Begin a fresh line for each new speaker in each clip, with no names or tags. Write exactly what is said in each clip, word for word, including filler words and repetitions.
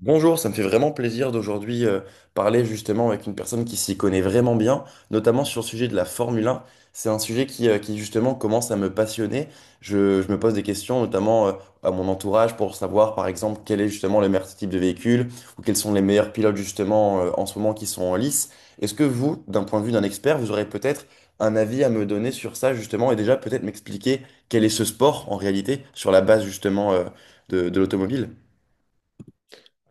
Bonjour, ça me fait vraiment plaisir d'aujourd'hui euh, parler justement avec une personne qui s'y connaît vraiment bien, notamment sur le sujet de la Formule un. C'est un sujet qui, euh, qui justement commence à me passionner. Je, je me pose des questions, notamment euh, à mon entourage, pour savoir par exemple quel est justement le meilleur type de véhicule ou quels sont les meilleurs pilotes justement euh, en ce moment qui sont en lice. Est-ce que vous, d'un point de vue d'un expert, vous aurez peut-être un avis à me donner sur ça justement et déjà peut-être m'expliquer quel est ce sport en réalité sur la base justement euh, de de l'automobile?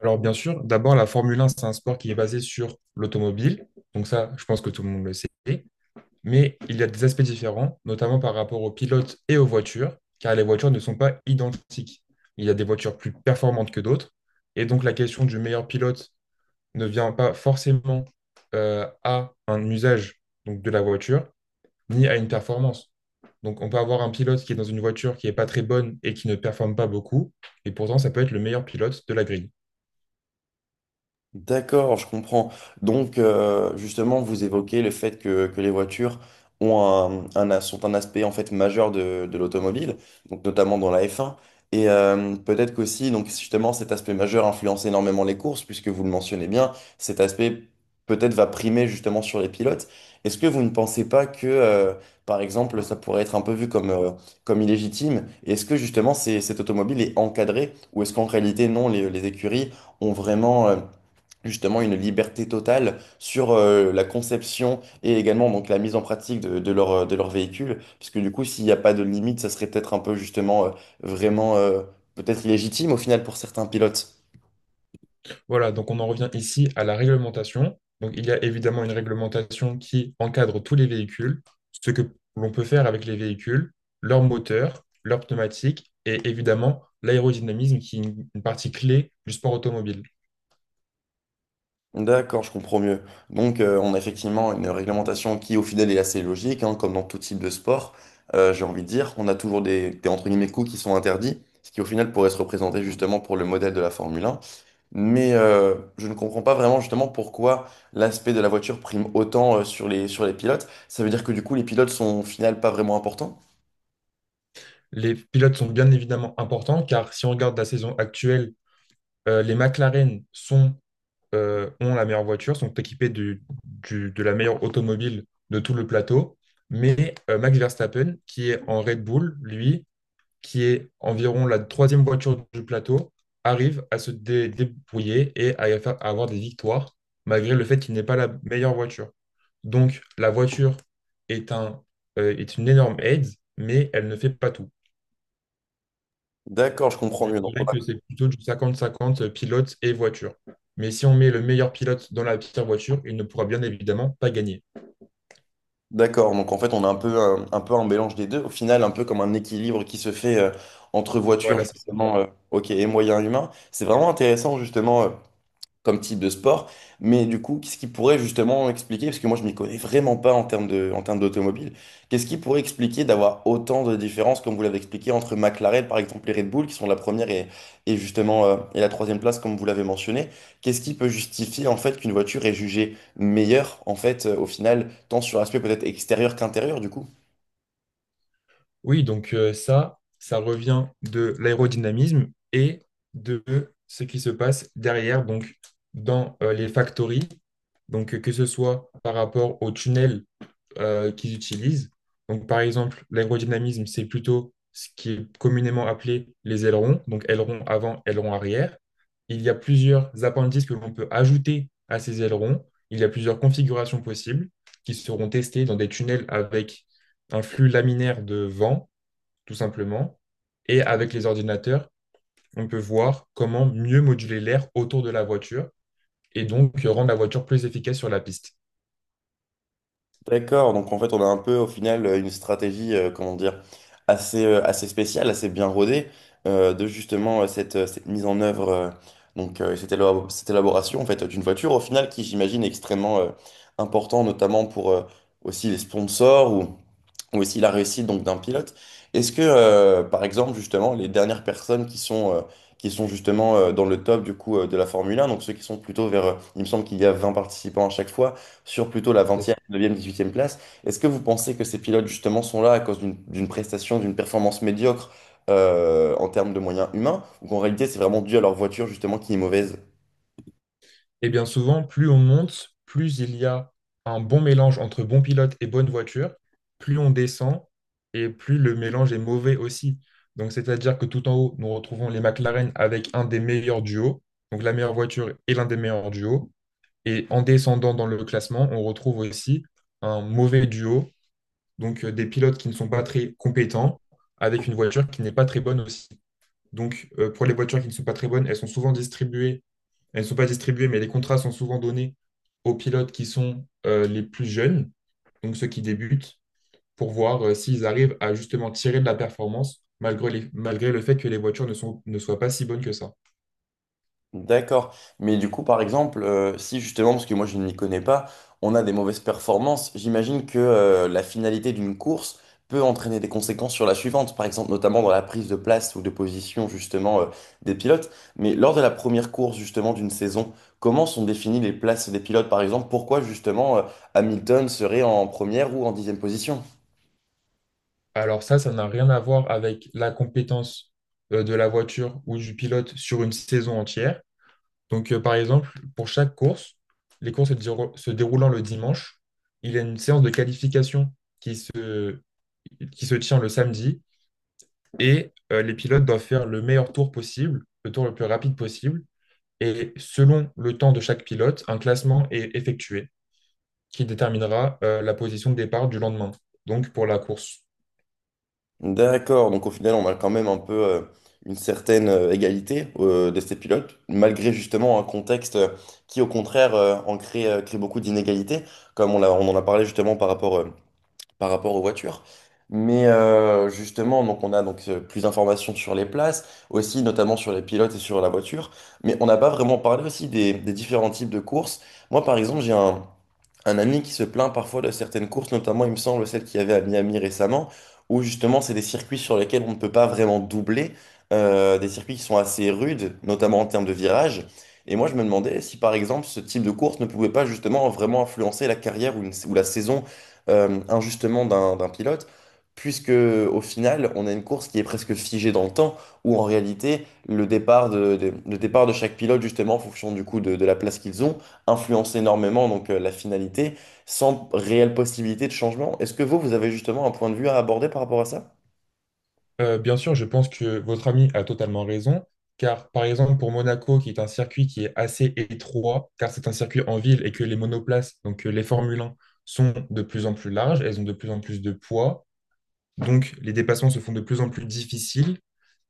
Alors bien sûr, d'abord la Formule un, c'est un sport qui est basé sur l'automobile, donc ça, je pense que tout le monde le sait, mais il y a des aspects différents, notamment par rapport aux pilotes et aux voitures, car les voitures ne sont pas identiques. Il y a des voitures plus performantes que d'autres, et donc la question du meilleur pilote ne vient pas forcément euh, à un usage donc, de la voiture, ni à une performance. Donc on peut avoir un pilote qui est dans une voiture qui n'est pas très bonne et qui ne performe pas beaucoup, et pourtant ça peut être le meilleur pilote de la grille.
D'accord, je comprends. Donc, euh, justement, vous évoquez le fait que, que les voitures ont un, un as- sont un aspect en fait majeur de, de l'automobile, donc notamment dans la F un. Et euh, peut-être qu'aussi, donc justement, cet aspect majeur influence énormément les courses, puisque vous le mentionnez bien, cet aspect peut-être va primer justement sur les pilotes. Est-ce que vous ne pensez pas que, euh, par exemple, ça pourrait être un peu vu comme, euh, comme illégitime? Est-ce que justement, c'est- cette automobile est encadrée, ou est-ce qu'en réalité, non, les les écuries ont vraiment euh, justement une liberté totale sur euh, la conception et également donc la mise en pratique de, de leur, euh, de leur véhicule. Parce que du coup, s'il n'y a pas de limite, ça serait peut-être un peu justement euh, vraiment euh, peut-être illégitime au final pour certains pilotes.
Voilà, donc on en revient ici à la réglementation. Donc il y a évidemment une réglementation qui encadre tous les véhicules, ce que l'on peut faire avec les véhicules, leur moteur, leur pneumatique et évidemment l'aérodynamisme qui est une une partie clé du sport automobile.
D'accord, je comprends mieux. Donc, euh, on a effectivement une réglementation qui, au final, est assez logique, hein, comme dans tout type de sport. Euh, j'ai envie de dire, on a toujours des, des entre guillemets coups qui sont interdits, ce qui, au final, pourrait se représenter justement pour le modèle de la Formule un. Mais euh, je ne comprends pas vraiment justement pourquoi l'aspect de la voiture prime autant euh, sur les, sur les pilotes. Ça veut dire que du coup, les pilotes sont au final pas vraiment importants?
Les pilotes sont bien évidemment importants car si on regarde la saison actuelle, euh, les McLaren sont, euh, ont la meilleure voiture, sont équipés du- du- de la meilleure automobile de tout le plateau. Mais euh, Max Verstappen, qui est en Red Bull, lui, qui est environ la troisième voiture du plateau, arrive à se dé- débrouiller et à, y faire- à avoir des victoires, malgré le fait qu'il n'est pas la meilleure voiture. Donc, la voiture est un, euh, est une énorme aide, mais elle ne fait pas tout.
D'accord, je comprends
Je
mieux. Donc, on
dirais
a-
que c'est plutôt du cinquante cinquante pilote et voiture. Mais si on met le meilleur pilote dans la pire voiture, il ne pourra bien évidemment pas gagner.
D'accord, donc en fait, on a un peu un, un peu un mélange des deux. Au final, un peu comme un équilibre qui se fait euh, entre voitures
Voilà, c'est ça.
justement, euh, ok, et moyens humains. C'est vraiment intéressant justement. Euh, comme type de sport. Mais du coup, qu'est-ce qui pourrait justement expliquer, parce que moi je m'y connais vraiment pas en termes de, en termes d'automobile, qu'est-ce qui pourrait expliquer d'avoir autant de différences, comme vous l'avez expliqué, entre McLaren par exemple et Red Bull, qui sont la première et, et justement euh, et la troisième place, comme vous l'avez mentionné, qu'est-ce qui peut justifier en fait qu'une voiture est jugée meilleure en fait euh, au final, tant sur l'aspect peut-être extérieur qu'intérieur du coup?
Oui, donc euh, ça, ça revient de l'aérodynamisme et de ce qui se passe derrière, donc dans euh, les factories, donc euh, que ce soit par rapport aux tunnels euh, qu'ils utilisent. Donc par exemple, l'aérodynamisme, c'est plutôt ce qui est communément appelé les ailerons, donc ailerons avant, ailerons arrière. Il y a plusieurs appendices que l'on peut ajouter à ces ailerons. Il y a plusieurs configurations possibles qui seront testées dans des tunnels avec un flux laminaire de vent tout simplement. Et avec les ordinateurs, on peut voir comment mieux moduler l'air autour de la voiture et donc euh, rendre la voiture plus efficace sur la piste.
D'accord, donc en fait on a un peu au final euh, une stratégie, euh, comment dire, assez, euh, assez spéciale, assez bien rodée euh, de justement euh, cette, euh, cette mise en œuvre, euh, donc euh, cette élabo- cette élaboration en fait d'une voiture au final qui j'imagine est extrêmement euh, important notamment pour euh, aussi les sponsors ou ou aussi la réussite donc d'un pilote. Est-ce que, euh, par exemple, justement, les dernières personnes qui sont, euh, qui sont justement euh, dans le top du coup euh, de la Formule un, donc ceux qui sont plutôt vers, euh, il me semble qu'il y a vingt participants à chaque fois, sur plutôt la
C'est
vingtième,
ça.
neuvième, dix-huitième place, est-ce que vous pensez que ces pilotes justement sont là à cause d'une d'une prestation, d'une performance médiocre euh, en termes de moyens humains, ou qu'en réalité c'est vraiment dû à leur voiture justement qui est mauvaise?
Et bien souvent, plus on monte, plus il y a un bon mélange entre bon pilote et bonne voiture, plus on descend et plus le mélange est mauvais aussi. Donc c'est-à-dire que tout en haut, nous retrouvons les McLaren avec un des meilleurs duos, donc la meilleure voiture et l'un des meilleurs duos. Et en descendant dans le classement, on retrouve aussi un mauvais duo, donc euh, des pilotes qui ne sont pas très compétents, avec une voiture qui n'est pas très bonne aussi. Donc euh, pour les voitures qui ne sont pas très bonnes, elles sont souvent distribuées, elles ne sont pas distribuées, mais les contrats sont souvent donnés aux pilotes qui sont euh, les plus jeunes, donc ceux qui débutent, pour voir euh, s'ils arrivent à justement tirer de la performance malgré les- malgré le fait que les voitures ne sont, ne soient pas si bonnes que ça.
D'accord. Mais du coup, par exemple, euh, si justement, parce que moi je n'y connais pas, on a des mauvaises performances, j'imagine que euh, la finalité d'une course peut entraîner des conséquences sur la suivante, par exemple notamment dans la prise de place ou de position justement euh, des pilotes. Mais lors de la première course justement d'une saison, comment sont définies les places des pilotes, par exemple, pourquoi justement euh, Hamilton serait en première ou en dixième position?
Alors ça, ça n'a rien à voir avec la compétence euh, de la voiture ou du pilote sur une saison entière. Donc, euh, par exemple, pour chaque course, les courses se diro- se déroulant le dimanche, il y a une séance de qualification qui se, qui se tient le samedi et euh, les pilotes doivent faire le meilleur tour possible, le tour le plus rapide possible. Et selon le temps de chaque pilote, un classement est effectué qui déterminera euh, la position de départ du lendemain, donc pour la course.
D'accord, donc au final, on a quand même un peu euh, une certaine euh, égalité euh, de ces pilotes, malgré justement un contexte euh, qui, au contraire, euh, en crée, euh, crée beaucoup d'inégalités, comme on l'a- on en a parlé justement par rapport euh, par rapport aux voitures. Mais euh, justement, donc on a donc euh, plus d'informations sur les places, aussi notamment sur les pilotes et sur la voiture. Mais on n'a pas vraiment parlé aussi des, des différents types de courses. Moi, par exemple, j'ai un, un ami qui se plaint parfois de certaines courses, notamment, il me semble, celle qu'il y avait à Miami récemment, où justement, c'est des circuits sur lesquels on ne peut pas vraiment doubler, euh, des circuits qui sont assez rudes, notamment en termes de virages. Et moi, je me demandais si, par exemple, ce type de course ne pouvait pas justement vraiment influencer la carrière ou, une- ou la saison euh, injustement d'un d'un pilote, puisque au final, on a une course qui est presque figée dans le temps, où en réalité, le départ de, de- le départ de chaque pilote, justement, en fonction du coup de, de la place qu'ils ont, influence énormément donc euh, la finalité, sans réelle possibilité de changement. Est-ce que vous, vous avez justement un point de vue à aborder par rapport à ça?
Euh, bien sûr, je pense que votre ami a totalement raison, car par exemple pour Monaco, qui est un circuit qui est assez étroit, car c'est un circuit en ville et que les monoplaces, donc euh, les Formule un, sont de plus en plus larges, elles ont de plus en plus de poids, donc les dépassements se font de plus en plus difficiles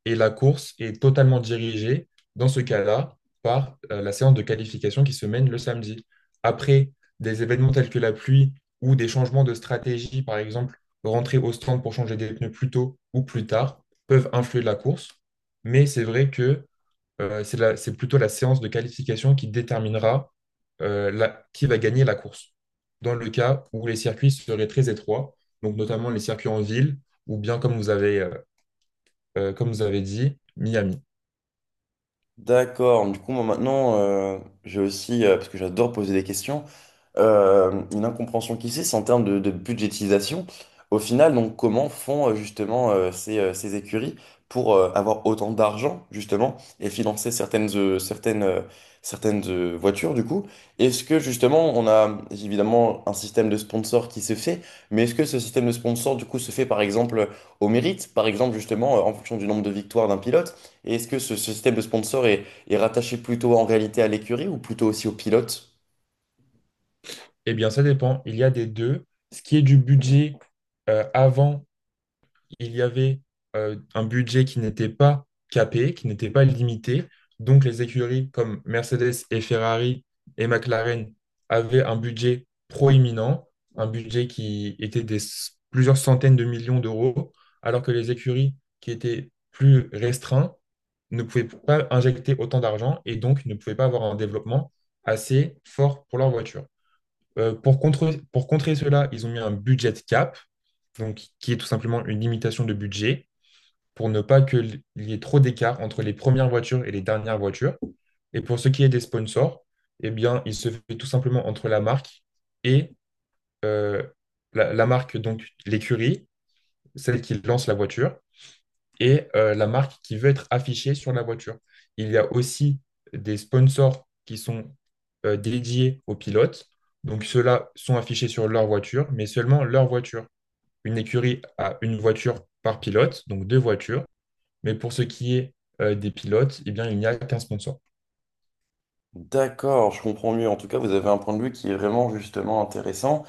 et la course est totalement dirigée, dans ce cas-là, par euh, la séance de qualification qui se mène le samedi. Après des événements tels que la pluie ou des changements de stratégie, par exemple, rentrer au stand pour changer des pneus plus tôt ou plus tard, peuvent influer la course. Mais c'est vrai que euh, c'est la- c'est plutôt la séance de qualification qui déterminera euh, la- qui va gagner la course. Dans le cas où les circuits seraient très étroits, donc notamment les circuits en ville, ou bien comme vous avez, euh, euh, comme vous avez dit, Miami.
D'accord, du coup, moi maintenant, euh, j'ai aussi, euh, parce que j'adore poser des questions, euh, une incompréhension qui c'est en termes de, de budgétisation. Au final, donc, comment font euh, justement euh, ces, euh, ces écuries pour euh, avoir autant d'argent justement et financer certaines, euh, certaines, euh, certaines euh, voitures du coup? Est-ce que justement on a évidemment un système de sponsor qui se fait, mais est-ce que ce système de sponsor du coup se fait par exemple au mérite, par exemple justement euh, en fonction du nombre de victoires d'un pilote? Et est-ce que ce, ce système de sponsor est, est rattaché plutôt en réalité à l'écurie ou plutôt aussi au pilote?
Eh bien, ça dépend. Il y a des deux. Ce qui est du budget, euh, avant, il y avait euh, un budget qui n'était pas capé, qui n'était pas limité. Donc, les écuries comme Mercedes et Ferrari et McLaren avaient un budget proéminent, un budget qui était des s- plusieurs centaines de millions d'euros, alors que les écuries qui étaient plus restreintes ne pouvaient pas injecter autant d'argent et donc ne pouvaient pas avoir un développement assez fort pour leur voiture. Euh, pour contrer, pour contrer cela, ils ont mis un budget cap, donc, qui est tout simplement une limitation de budget pour ne pas qu'il y ait trop d'écart entre les premières voitures et les dernières voitures. Et pour ce qui est des sponsors, eh bien, il se fait tout simplement entre la marque et euh, la, la marque, donc l'écurie, celle qui lance la voiture, et euh, la marque qui veut être affichée sur la voiture. Il y a aussi des sponsors qui sont euh, dédiés aux pilotes. Donc ceux-là sont affichés sur leur voiture, mais seulement leur voiture. Une écurie a une voiture par pilote, donc deux voitures. Mais pour ce qui est euh, des pilotes, eh bien, il n'y a qu'un sponsor.
D'accord, je comprends mieux. En tout cas, vous avez un point de vue qui est vraiment justement intéressant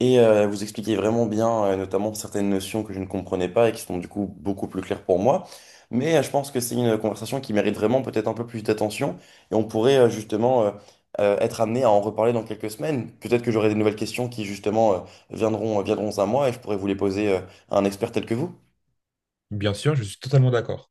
et euh, vous expliquez vraiment bien, euh, notamment certaines notions que je ne comprenais pas et qui sont du coup beaucoup plus claires pour moi. Mais euh, je pense que c'est une conversation qui mérite vraiment peut-être un peu plus d'attention et on pourrait euh, justement euh, euh, être amené à en reparler dans quelques semaines. Peut-être que j'aurai des nouvelles questions qui justement euh, viendront, viendront à moi et je pourrais vous les poser euh, à un expert tel que vous.
Bien sûr, je suis totalement d'accord.